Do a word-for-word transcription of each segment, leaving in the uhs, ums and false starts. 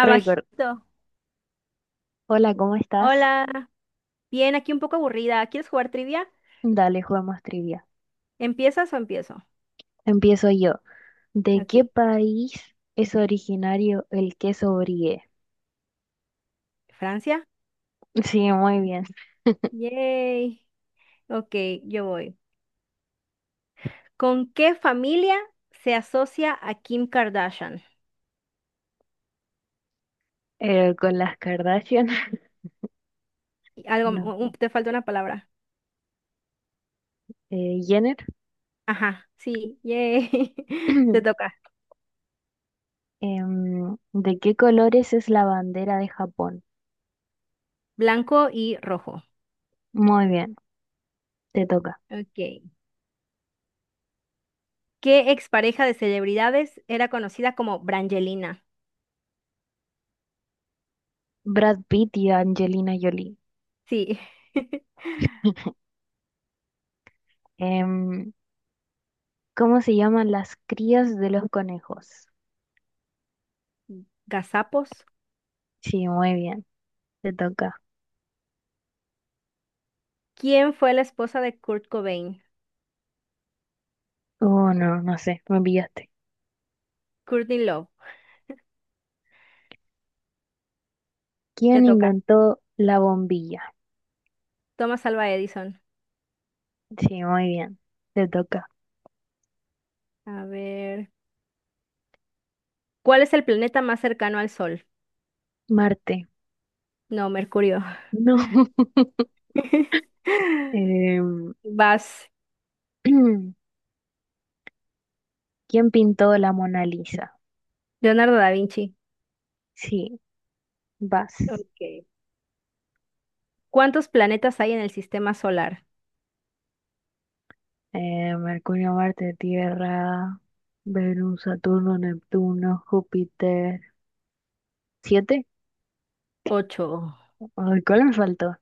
Record. Hola, ¿cómo estás? Hola. Bien, aquí un poco aburrida. ¿Quieres jugar trivia? Dale, jugamos trivia. ¿Empiezas o empiezo? Empiezo yo. ¿De Ok. qué país es originario el queso brie? Francia. Sí, muy bien. Yay. Ok, yo voy. ¿Con qué familia se asocia a Kim Kardashian? Eh, con las Kardashian. Y algo, un- No un- sé. te falta una palabra. Eh, Jenner. Ajá, sí, yay. Te toca. Em, ¿de qué colores es la bandera de Japón? Blanco y rojo. Muy bien, te toca. Ok. ¿Qué expareja de celebridades era conocida como Brangelina? Brad Pitt y Angelina Jolie. Sí. Em, ¿Cómo se llaman las crías de los conejos? Gazapos. Sí, muy bien, te toca. ¿Quién fue la esposa de Kurt Cobain? Oh, no, no sé, me pillaste. Courtney Love. Te ¿Quién toca. inventó la bombilla? Thomas Alva Edison. Sí, muy bien. Te toca. A ver. ¿Cuál es el planeta más cercano al Sol? Marte. No, Mercurio. No. Em, Vas. ¿Quién pintó la Mona Lisa? Leonardo da Vinci. Sí, vas. Ok. ¿Cuántos planetas hay en el sistema solar? Eh, Mercurio, Marte, Tierra, Venus, Saturno, Neptuno, Júpiter. ¿Siete? Ocho. Ay, ¿cuál me faltó?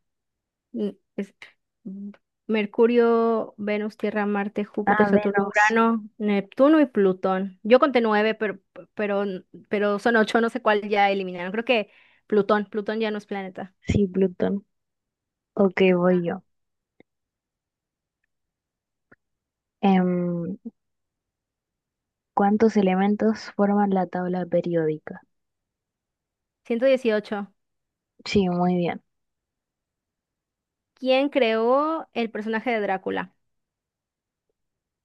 Mm, es- mm, Mercurio, Venus, Tierra, Marte, Ah, Júpiter, Saturno, Venus. Urano, Neptuno y Plutón. Yo conté nueve, pero, pero, pero son ocho, no sé cuál ya eliminaron. Creo que Plutón, Plutón ya no es planeta. Sí, Plutón. Ok, voy yo. Em, ¿Cuántos elementos forman la tabla periódica? Ciento dieciocho. Sí, muy bien. ¿Quién creó el personaje de Drácula?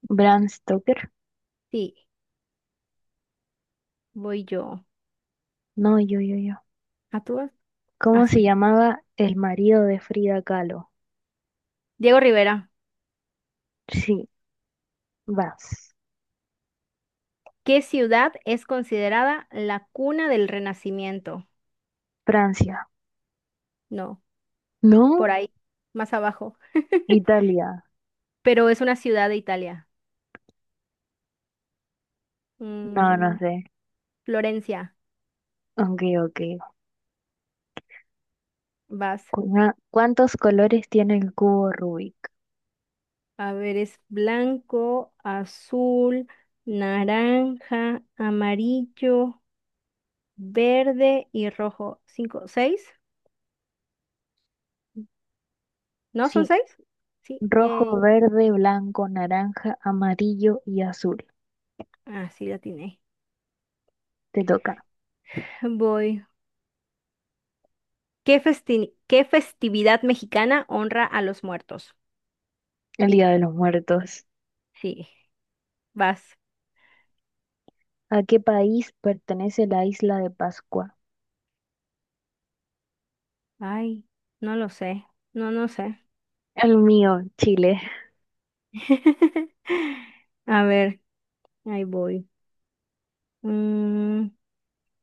Bram Stoker. Sí, voy yo. No, yo, yo, yo. ¿A tú? ¿Cómo se Así. llamaba el marido de Frida Kahlo? Diego Rivera. Sí, vas. ¿Qué ciudad es considerada la cuna del Renacimiento? Francia. No, por ¿No? ahí, más abajo. Italia. Pero es una ciudad de Italia. No, no Mm, sé. Florencia, Ok, ok. vas. Cu- ah, ¿Cuántos colores tiene el cubo Rubik? A ver, es blanco, azul, naranja, amarillo, verde y rojo. ¿Cinco? ¿Seis? ¿No son Sí, seis? Sí, rojo, yay. verde, blanco, naranja, amarillo y azul. Ah, sí, la tiene. Te toca. Voy. ¿Qué festi- qué festividad mexicana honra a los muertos? El Día de los Muertos. Sí, vas. ¿A qué país pertenece la isla de Pascua? Ay, no lo sé. No, no sé. El mío, Chile. A ver, ahí voy. Mm,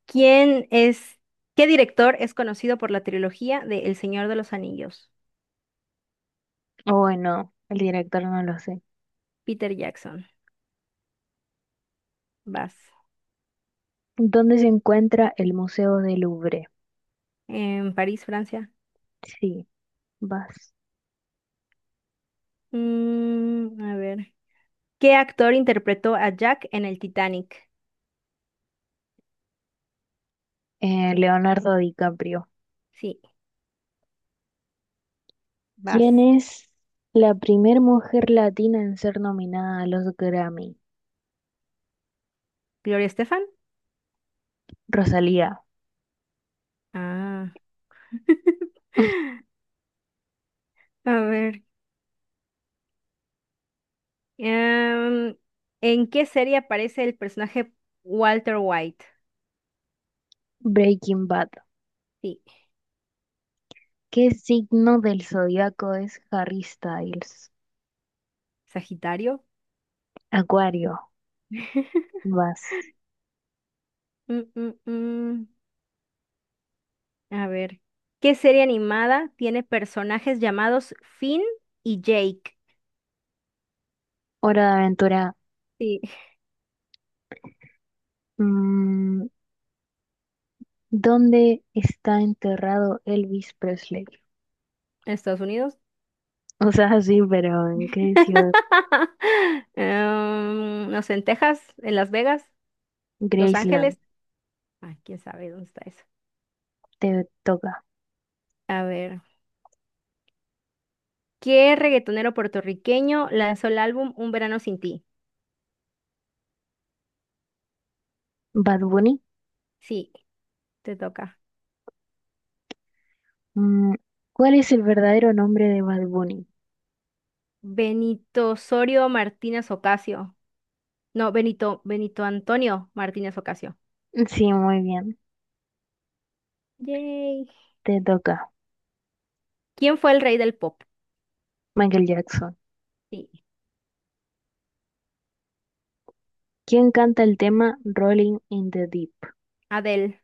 ¿quién es, qué director es conocido por la trilogía de El Señor de los Anillos? O bueno, el director no lo sé. Peter Jackson. Vas. ¿Dónde se encuentra el Museo del Louvre? En París, Francia. Sí, vas. Mm, a ver. ¿Qué actor interpretó a Jack en el Titanic? Eh, Leonardo DiCaprio. Sí, vas. ¿Quién es la primer mujer latina en ser nominada a los Grammy? ¿Gloria Estefan? Rosalía. Ah. A ver, em, ¿en qué serie aparece el personaje Walter White? Breaking Bad. Sí. ¿Qué signo del zodiaco es Harry Styles? Sagitario. Acuario. Vas. Mm, mm, mm. A ver, ¿qué serie animada tiene personajes llamados Finn y Jake? Hora de aventura. Sí. Mm, ¿Dónde está enterrado Elvis Presley? ¿Estados Unidos? O sea, sí, pero ¿en qué ciudad? Em, no sé, en Texas, en Las Vegas, Los Graceland. Ángeles. Ah, quién sabe dónde está eso. Te toca. A ver, ¿qué reggaetonero puertorriqueño lanzó el álbum Un Verano Sin Ti? Bad Bunny. Sí, te toca. Mm, ¿Cuál es el verdadero nombre de Bad Bunny? Benito Osorio Martínez Ocasio. No, Benito, Benito Antonio Martínez Ocasio. Sí, muy bien. Yay. Te toca. ¿Quién fue el rey del pop? Michael Jackson. Sí. ¿Quién canta el tema Rolling in the Deep? Adele.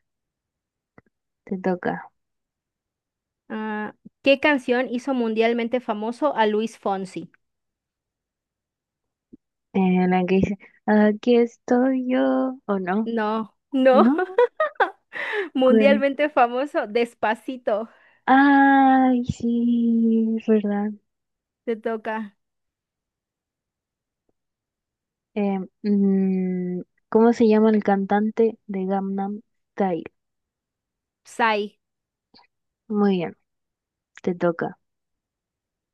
Te toca. Ah, ¿qué canción hizo mundialmente famoso a Luis Fonsi? Eh, la que dice, aquí estoy yo. ¿O no? No, no. No. ¿Cuál? Mundialmente famoso, Despacito. Ay, sí, es verdad. Te toca. Eh, mm, ¿Cómo se llama el cantante de Gangnam Style? Psy. Muy bien, te toca.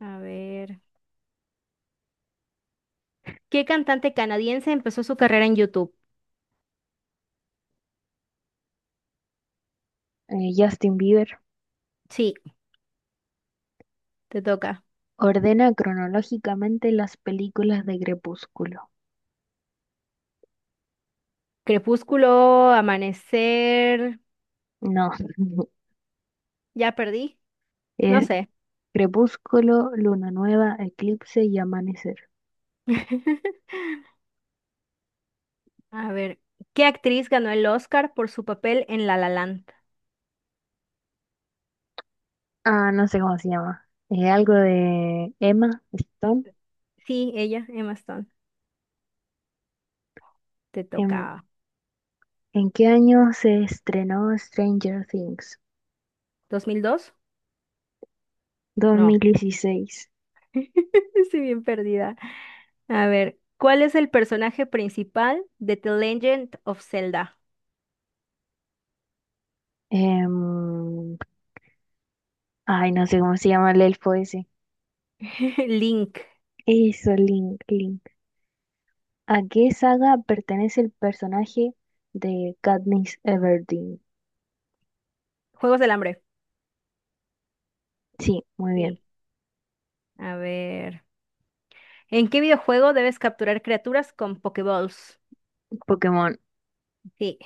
A ver. ¿Qué cantante canadiense empezó su carrera en YouTube? Eh, Justin Bieber. Sí, te toca. Ordena cronológicamente las películas de Crepúsculo. Crepúsculo, Amanecer. No, Ya perdí. No es sé. Crepúsculo, Luna Nueva, Eclipse y Amanecer. A ver, ¿qué actriz ganó el Oscar por su papel en La La Land? Ah, no sé cómo se llama. Es algo de Emma Stone. Sí, ella, Emma Stone. Te ¿En, toca. en qué año se estrenó Stranger Things? ¿Dos mil dos? Dos mil No. dieciséis. Estoy bien perdida. A ver, ¿cuál es el personaje principal de The Legend of Zelda? Em, ay, no sé cómo se llama el elfo ese. Link. Eso, Link, Link. ¿A qué saga pertenece el personaje de Katniss Everdeen? Juegos del Hambre. Sí, muy bien. Sí. A ver, ¿en qué videojuego debes capturar criaturas con Pokéballs? Pokémon. Sí.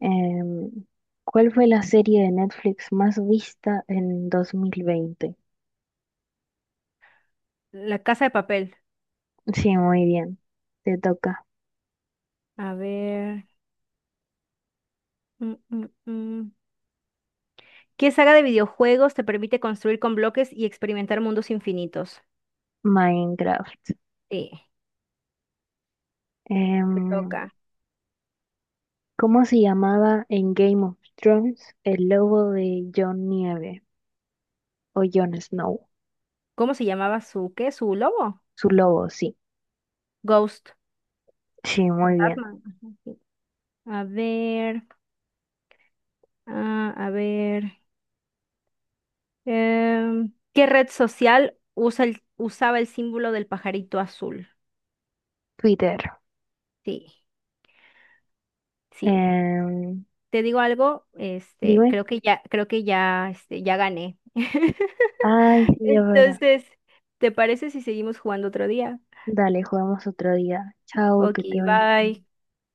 Em, ¿Cuál fue la serie de Netflix más vista en dos mil veinte? La Casa de Papel. Sí, muy bien. Te toca. A ver. Mm, mm, mm. ¿Qué saga de videojuegos te permite construir con bloques y experimentar mundos infinitos? Minecraft. Sí, te Em, toca. ¿Cómo se llamaba en Game of Thrones el lobo de Jon Nieve o Jon Snow? ¿Cómo se llamaba su qué? ¿Su lobo? Su lobo, sí. Ghost. Sí, muy bien. Fantasma. Ajá, sí. A ver, ah, a ver. em, ¿qué red social usa el- usaba el símbolo del pajarito azul? Twitter. Sí, sí. Em, Te digo algo, este, dime. creo que ya, creo que ya, este, ya gané. Ay, sí, es verdad. Entonces, ¿te parece si seguimos jugando otro día? Dale, jugamos otro día. Chao, Ok, que te vaya bye. bien.